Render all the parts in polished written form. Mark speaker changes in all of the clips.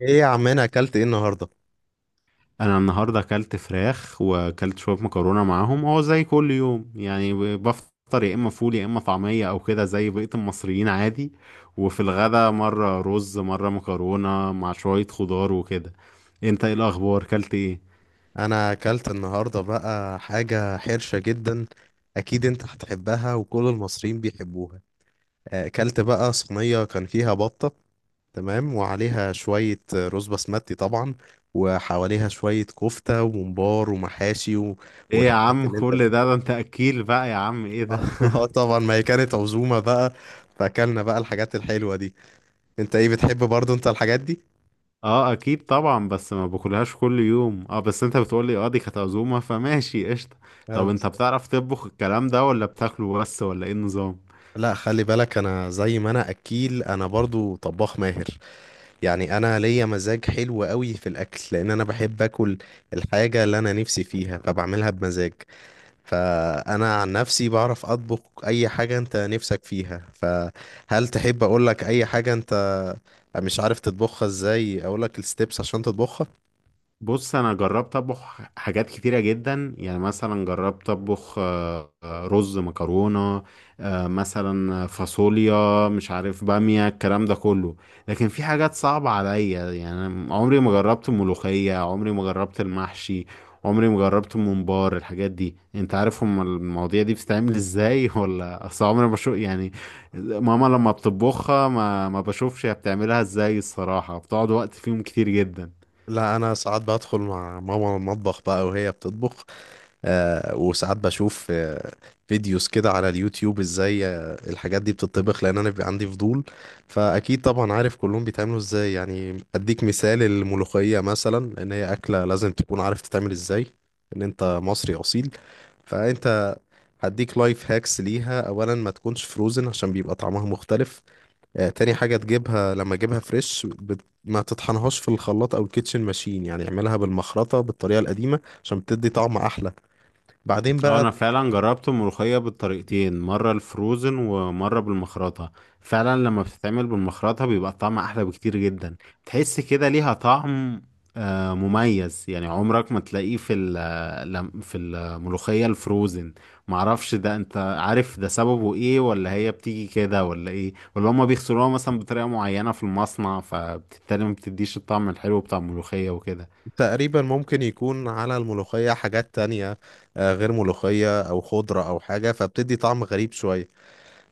Speaker 1: ايه يا عم، انا اكلت ايه النهارده؟
Speaker 2: انا النهارده اكلت فراخ واكلت شويه مكرونه معاهم. هو زي كل يوم، يعني بفطر يا اما فول يا اما طعميه او كده زي بقيه المصريين عادي. وفي الغدا مره رز مره مكرونه مع شويه خضار وكده. انت ايه الاخبار، اكلت ايه؟
Speaker 1: انا اكلت النهارده بقى حاجه حرشه جدا. اكيد انت هتحبها وكل المصريين بيحبوها. اكلت بقى صينيه كان فيها بطه. تمام، وعليها شويه رز بسمتي طبعا، وحواليها شويه كفته وممبار ومحاشي
Speaker 2: ايه يا
Speaker 1: والحاجات
Speaker 2: عم
Speaker 1: اللي انت
Speaker 2: كل
Speaker 1: بتحبها.
Speaker 2: ده، انت اكيل بقى يا عم، ايه ده؟
Speaker 1: اه طبعا، ما هي كانت عزومه بقى، فاكلنا بقى الحاجات الحلوه دي. انت ايه بتحب برضو انت الحاجات دي؟
Speaker 2: اه اكيد طبعا، بس ما باكلهاش كل يوم. اه بس انت بتقولي اه دي كانت عزومه، فماشي قشطه. طب انت
Speaker 1: بس
Speaker 2: بتعرف تطبخ الكلام ده ولا بتاكله بس، ولا ايه النظام؟
Speaker 1: لا، خلي بالك، انا زي ما انا اكيل انا برضو طباخ ماهر. يعني انا ليا مزاج حلو قوي في الاكل، لان انا بحب اكل الحاجة اللي انا نفسي فيها، فبعملها بمزاج. فانا عن نفسي بعرف اطبخ اي حاجة انت نفسك فيها. فهل تحب اقول لك اي حاجة انت مش عارف تطبخها ازاي، اقول لك الستبس عشان تطبخها؟
Speaker 2: بص، انا جربت اطبخ حاجات كتيره جدا، يعني مثلا جربت اطبخ رز، مكرونه، مثلا فاصوليا، مش عارف، باميه، الكلام ده كله. لكن في حاجات صعبه عليا، يعني عمري ما جربت الملوخيه، عمري ما جربت المحشي، عمري ما جربت الممبار. الحاجات دي انت عارف هم المواضيع دي بتتعمل ازاي؟ ولا اصل عمري ما بشوف، يعني ماما لما بتطبخها ما بشوفش هي بتعملها ازاي. الصراحه بتقعد وقت فيهم كتير جدا.
Speaker 1: لا، انا ساعات بدخل مع ماما المطبخ بقى وهي بتطبخ، وساعات بشوف فيديوز كده على اليوتيوب ازاي الحاجات دي بتطبخ، لان انا بيبقى عندي فضول. فاكيد طبعا عارف كلهم بيتعملوا ازاي. يعني اديك مثال الملوخية مثلا، لان هي اكلة لازم تكون عارف تتعمل ازاي ان انت مصري اصيل. فانت هديك لايف هاكس ليها: اولا ما تكونش فروزن، عشان بيبقى طعمها مختلف. تاني حاجة تجيبها لما تجيبها فريش، ما تطحنهاش في الخلاط او الكيتشن ماشين، يعني اعملها بالمخرطة بالطريقة القديمة، عشان بتدي طعم احلى. بعدين
Speaker 2: اه،
Speaker 1: بقى
Speaker 2: انا فعلا جربت الملوخية بالطريقتين، مرة الفروزن ومرة بالمخرطة. فعلا لما بتتعمل بالمخرطة بيبقى طعمها احلى بكتير جدا. تحس كده ليها طعم مميز، يعني عمرك ما تلاقيه في في الملوخية الفروزن. معرفش ده، انت عارف ده سببه ايه، ولا هي بتيجي كده ولا ايه، ولا هما بيغسلوها مثلا بطريقة معينة في المصنع فبالتالي ما بتديش الطعم الحلو بتاع الملوخية وكده؟
Speaker 1: تقريبا ممكن يكون على الملوخية حاجات تانية غير ملوخية أو خضرة أو حاجة، فبتدي طعم غريب شوية.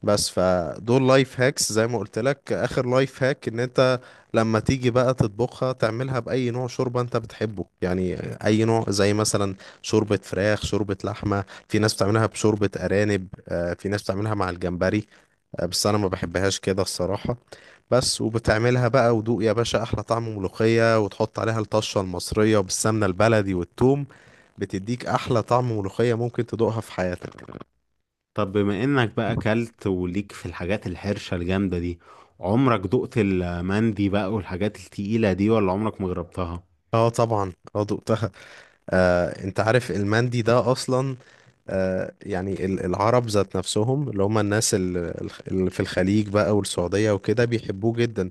Speaker 1: بس فدول لايف هاكس زي ما قلت لك. آخر لايف هاك، إن أنت لما تيجي بقى تطبخها، تعملها بأي نوع شوربة أنت بتحبه يعني. أي نوع، زي مثلا شوربة فراخ، شوربة لحمة، في ناس بتعملها بشوربة أرانب، في ناس بتعملها مع الجمبري بس أنا ما بحبهاش كده الصراحة. بس وبتعملها بقى ودوق يا باشا احلى طعم ملوخية، وتحط عليها الطشة المصرية وبالسمنة البلدي والثوم، بتديك احلى طعم ملوخية ممكن تدوقها في حياتك.
Speaker 2: طب بما انك بقى اكلت وليك في الحاجات الحرشة الجامدة دي، عمرك دقت المندي بقى والحاجات التقيلة دي ولا عمرك ما جربتها؟
Speaker 1: اه طبعا، اه دقتها. آه، انت عارف المندي ده اصلا؟ آه، يعني العرب ذات نفسهم، اللي هم الناس اللي في الخليج بقى والسعودية وكده، بيحبوه جدا.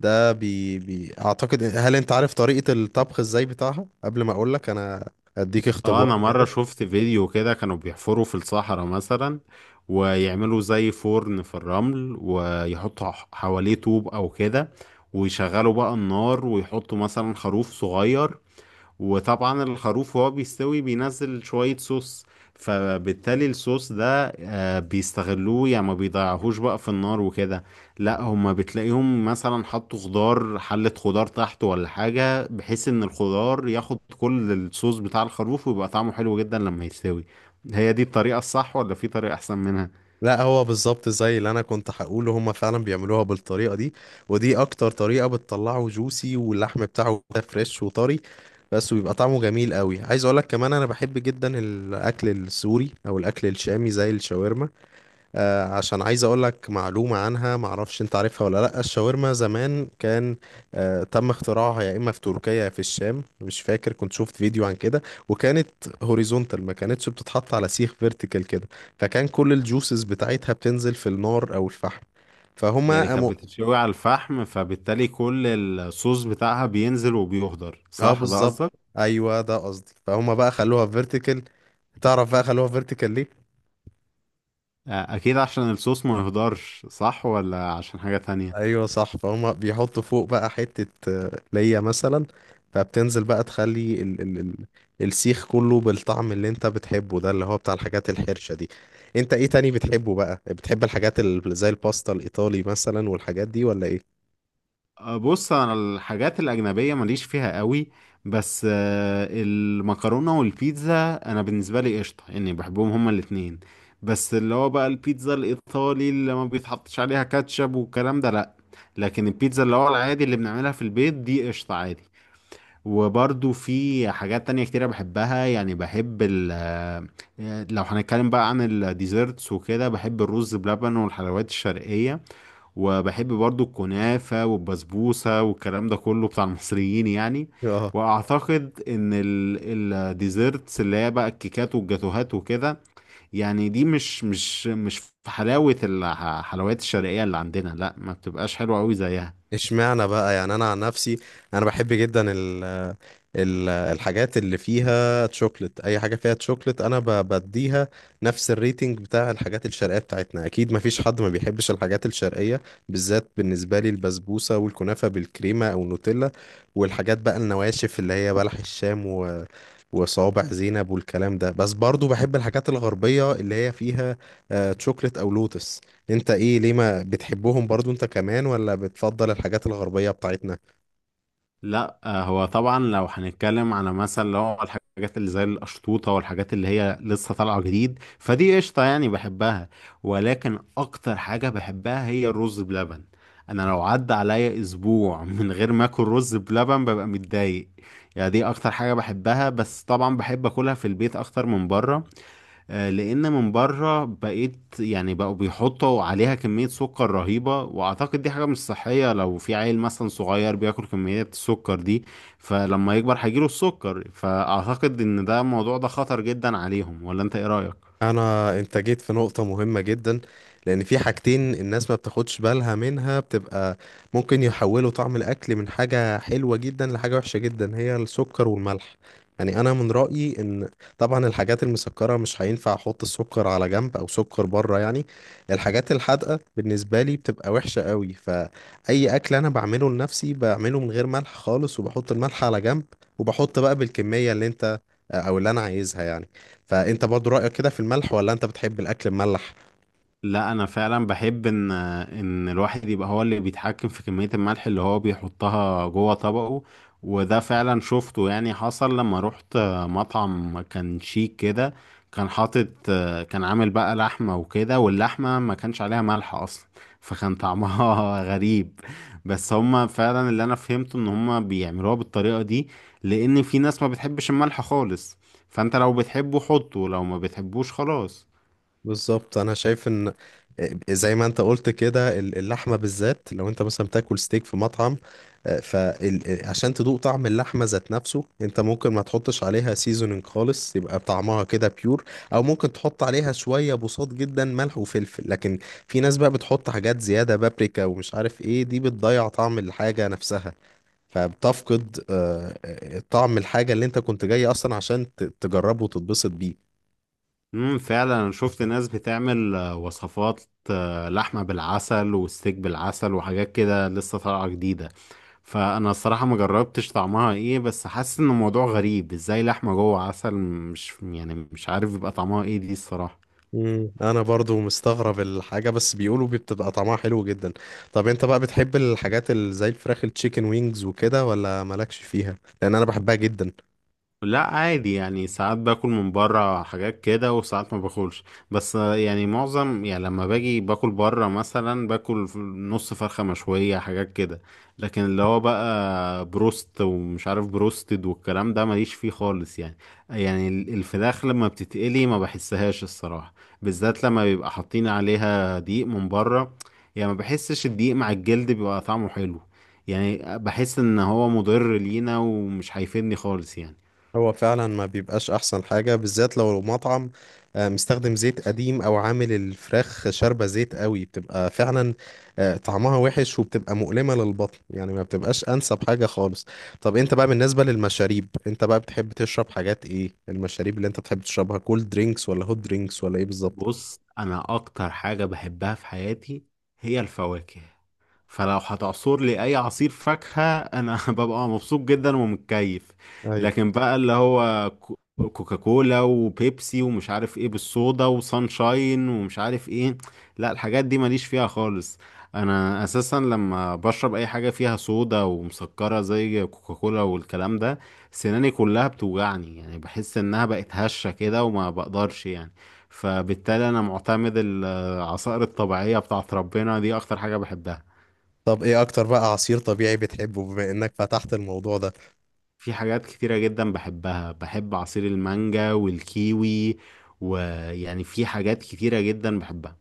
Speaker 1: ده بي اعتقد. هل انت عارف طريقة الطبخ ازاي بتاعها قبل ما اقولك انا؟ اديك
Speaker 2: اه،
Speaker 1: اختبار
Speaker 2: انا مرة
Speaker 1: كده.
Speaker 2: شفت فيديو كده كانوا بيحفروا في الصحراء مثلا، ويعملوا زي فرن في الرمل، ويحطوا حواليه طوب او كده، ويشغلوا بقى النار ويحطوا مثلا خروف صغير. وطبعا الخروف وهو بيستوي بينزل شوية صوص، فبالتالي الصوص ده بيستغلوه، يعني ما بيضيعوهوش بقى في النار وكده. لا، هما بتلاقيهم مثلا حطوا خضار، حلة خضار تحت ولا حاجة، بحيث ان الخضار ياخد كل الصوص بتاع الخروف ويبقى طعمه حلو جدا لما يستوي. هي دي الطريقة الصح ولا في طريقة احسن منها؟
Speaker 1: لا، هو بالظبط زي اللي انا كنت هقوله، هما فعلا بيعملوها بالطريقه دي، ودي اكتر طريقه بتطلعه جوسي واللحم بتاعه كده فريش وطري بس، ويبقى طعمه جميل قوي. عايز اقولك كمان، انا بحب جدا الاكل السوري او الاكل الشامي زي الشاورما. عشان عايز اقول لك معلومه عنها معرفش انت عارفها ولا لا. الشاورما زمان كان تم اختراعها يا اما في تركيا يا في الشام، مش فاكر، كنت شفت فيديو عن كده. وكانت هوريزونتال، ما كانتش بتتحط على سيخ فيرتيكال كده، فكان كل الجوسز بتاعتها بتنزل في النار او الفحم، فهما
Speaker 2: يعني كانت
Speaker 1: قاموا.
Speaker 2: بتتشوي على الفحم، فبالتالي كل الصوص بتاعها بينزل وبيهدر،
Speaker 1: اه
Speaker 2: صح؟ ده
Speaker 1: بالظبط،
Speaker 2: قصدك؟
Speaker 1: ايوه ده قصدي. فهما بقى خلوها فيرتيكال. تعرف بقى خلوها فيرتيكال ليه؟
Speaker 2: آه، اكيد عشان الصوص ما يهدرش، صح، ولا عشان حاجة تانية؟
Speaker 1: ايوه صح. فهم بيحطوا فوق بقى حتة ليا مثلا، فبتنزل بقى تخلي ال ال ال السيخ كله بالطعم اللي انت بتحبه ده، اللي هو بتاع الحاجات الحرشة دي. انت ايه تاني بتحبه بقى؟ بتحب الحاجات اللي زي الباستا الايطالي مثلا والحاجات دي، ولا ايه؟
Speaker 2: أه، بص، انا الحاجات الاجنبية ماليش فيها قوي، بس المكرونة والبيتزا انا بالنسبة لي قشطة، يعني بحبهم هما الاتنين. بس اللي هو بقى البيتزا الايطالي اللي ما بيتحطش عليها كاتشب والكلام ده، لا. لكن البيتزا اللي هو العادي اللي بنعملها في البيت دي قشطة عادي. وبرضو في حاجات تانية كتيرة بحبها، يعني بحب ال آه، لو هنتكلم بقى عن الديزرتس وكده، بحب الرز بلبن والحلويات الشرقية. وبحب برضو الكنافة والبسبوسة والكلام ده كله بتاع المصريين يعني.
Speaker 1: اه.
Speaker 2: وأعتقد إن الديزرتس اللي هي بقى الكيكات والجاتوهات وكده، يعني دي مش في حلاوة الحلويات الشرقية اللي عندنا. لا، ما بتبقاش حلوة أوي زيها.
Speaker 1: اشمعنى بقى، يعني انا عن نفسي انا بحب جدا الحاجات اللي فيها تشوكلت. اي حاجه فيها تشوكلت انا بديها نفس الريتنج بتاع الحاجات الشرقيه بتاعتنا. اكيد ما فيش حد ما بيحبش الحاجات الشرقيه، بالذات بالنسبه لي البسبوسه والكنافه بالكريمه او نوتيلا، والحاجات بقى النواشف اللي هي بلح الشام وصوابع زينب والكلام ده. بس برضو بحب الحاجات الغربية اللي هي فيها تشوكلت أو لوتس. انت ايه، ليه ما بتحبهم برضو انت كمان، ولا بتفضل الحاجات الغربية بتاعتنا؟
Speaker 2: لا هو طبعا لو هنتكلم على مثلا اللي هو الحاجات اللي زي القشطوطه والحاجات اللي هي لسه طالعه جديد، فدي قشطه يعني بحبها. ولكن اكتر حاجه بحبها هي الرز بلبن. انا لو عدى عليا اسبوع من غير ما اكل رز بلبن ببقى متضايق. يعني دي اكتر حاجه بحبها، بس طبعا بحب اكلها في البيت اكتر من بره. لان من بره بقيت يعني بقوا بيحطوا عليها كمية سكر رهيبة، واعتقد دي حاجة مش صحية. لو في عيل مثلا صغير بياكل كميات السكر دي، فلما يكبر هيجيله السكر. فاعتقد ان ده الموضوع ده خطر جدا عليهم، ولا انت ايه رأيك؟
Speaker 1: انا انت جيت في نقطة مهمة جدا، لان في حاجتين الناس ما بتاخدش بالها منها، بتبقى ممكن يحولوا طعم الاكل من حاجة حلوة جدا لحاجة وحشة جدا، هي السكر والملح. يعني انا من رأيي ان، طبعا الحاجات المسكرة مش هينفع احط السكر على جنب او سكر بره يعني، الحاجات الحادقة بالنسبة لي بتبقى وحشة قوي. فاي اكل انا بعمله لنفسي بعمله من غير ملح خالص، وبحط الملح على جنب، وبحط بقى بالكمية اللي انت او اللي انا عايزها يعني. فانت برضو رأيك كده في الملح، ولا انت بتحب الاكل مملح؟
Speaker 2: لا، انا فعلا بحب ان الواحد يبقى هو اللي بيتحكم في كمية الملح اللي هو بيحطها جوه طبقه. وده فعلا شفته، يعني حصل لما روحت مطعم كان شيك كده. كان حاطط، كان عامل بقى لحمة وكده، واللحمة ما كانش عليها ملح اصلا، فكان طعمها غريب. بس هما فعلا اللي انا فهمته ان هما بيعملوها بالطريقة دي، لان في ناس ما بتحبش الملح خالص. فانت لو بتحبه حطه، لو ما بتحبوش خلاص.
Speaker 1: بالظبط، انا شايف ان زي ما انت قلت كده اللحمه بالذات، لو انت مثلا بتاكل ستيك في مطعم، فعشان تدوق طعم اللحمه ذات نفسه انت ممكن ما تحطش عليها سيزونينج خالص، يبقى طعمها كده بيور، او ممكن تحط عليها شويه بساط جدا، ملح وفلفل. لكن في ناس بقى بتحط حاجات زياده، بابريكا ومش عارف ايه، دي بتضيع طعم الحاجه نفسها، فبتفقد طعم الحاجة اللي انت كنت جاي اصلا عشان تجربه وتتبسط بيه.
Speaker 2: فعلا انا شفت ناس بتعمل وصفات، لحمة بالعسل وستيك بالعسل وحاجات كده لسه طالعة جديدة. فانا الصراحة ما جربتش طعمها ايه، بس حاسس ان الموضوع غريب ازاي. لحمة جوه عسل، مش، يعني مش عارف يبقى طعمها ايه دي، الصراحة.
Speaker 1: انا برضو مستغرب الحاجة، بس بيقولوا بتبقى طعمها حلو جدا. طب انت بقى بتحب الحاجات اللي زي الفراخ، التشيكن وينجز وكده، ولا مالكش فيها؟ لان انا بحبها جدا.
Speaker 2: لا، عادي، يعني ساعات باكل من بره حاجات كده وساعات ما باكلش. بس يعني معظم، يعني لما باجي باكل بره مثلا باكل نص فرخة مشوية، حاجات كده. لكن اللي هو بقى بروست ومش عارف بروستد والكلام ده ماليش فيه خالص يعني. يعني الفراخ لما بتتقلي ما بحسهاش الصراحة، بالذات لما بيبقى حاطين عليها دقيق من بره. يعني ما بحسش الدقيق مع الجلد بيبقى طعمه حلو. يعني بحس ان هو مضر لينا ومش هيفيدني خالص يعني.
Speaker 1: هو فعلا ما بيبقاش احسن حاجة، بالذات لو مطعم مستخدم زيت قديم او عامل الفراخ شاربة زيت قوي، بتبقى فعلا طعمها وحش وبتبقى مؤلمة للبطن، يعني ما بتبقاش انسب حاجة خالص. طب انت بقى بالنسبة للمشاريب، انت بقى بتحب تشرب حاجات ايه؟ المشاريب اللي انت بتحب تشربها كولد درينكس ولا هوت درينكس ولا ايه بالظبط؟
Speaker 2: بص، انا اكتر حاجة بحبها في حياتي هي الفواكه. فلو هتعصر لي اي عصير فاكهة انا ببقى مبسوط جدا ومتكيف.
Speaker 1: ايوه.
Speaker 2: لكن بقى اللي هو كوكاكولا وبيبسي ومش عارف ايه بالصودا وسانشاين ومش عارف ايه، لا الحاجات دي ماليش فيها خالص. انا اساسا لما بشرب اي حاجة فيها صودا ومسكرة زي كوكاكولا والكلام ده، سناني كلها بتوجعني، يعني بحس انها بقت هشة كده وما بقدرش يعني. فبالتالي انا معتمد العصائر الطبيعية بتاعت ربنا، دي اكتر حاجة بحبها.
Speaker 1: طب ايه اكتر بقى عصير طبيعي بتحبه بما انك فتحت الموضوع ده؟
Speaker 2: في حاجات كتيرة جدا بحبها، بحب عصير المانجا والكيوي، ويعني في حاجات كتيرة جدا بحبها.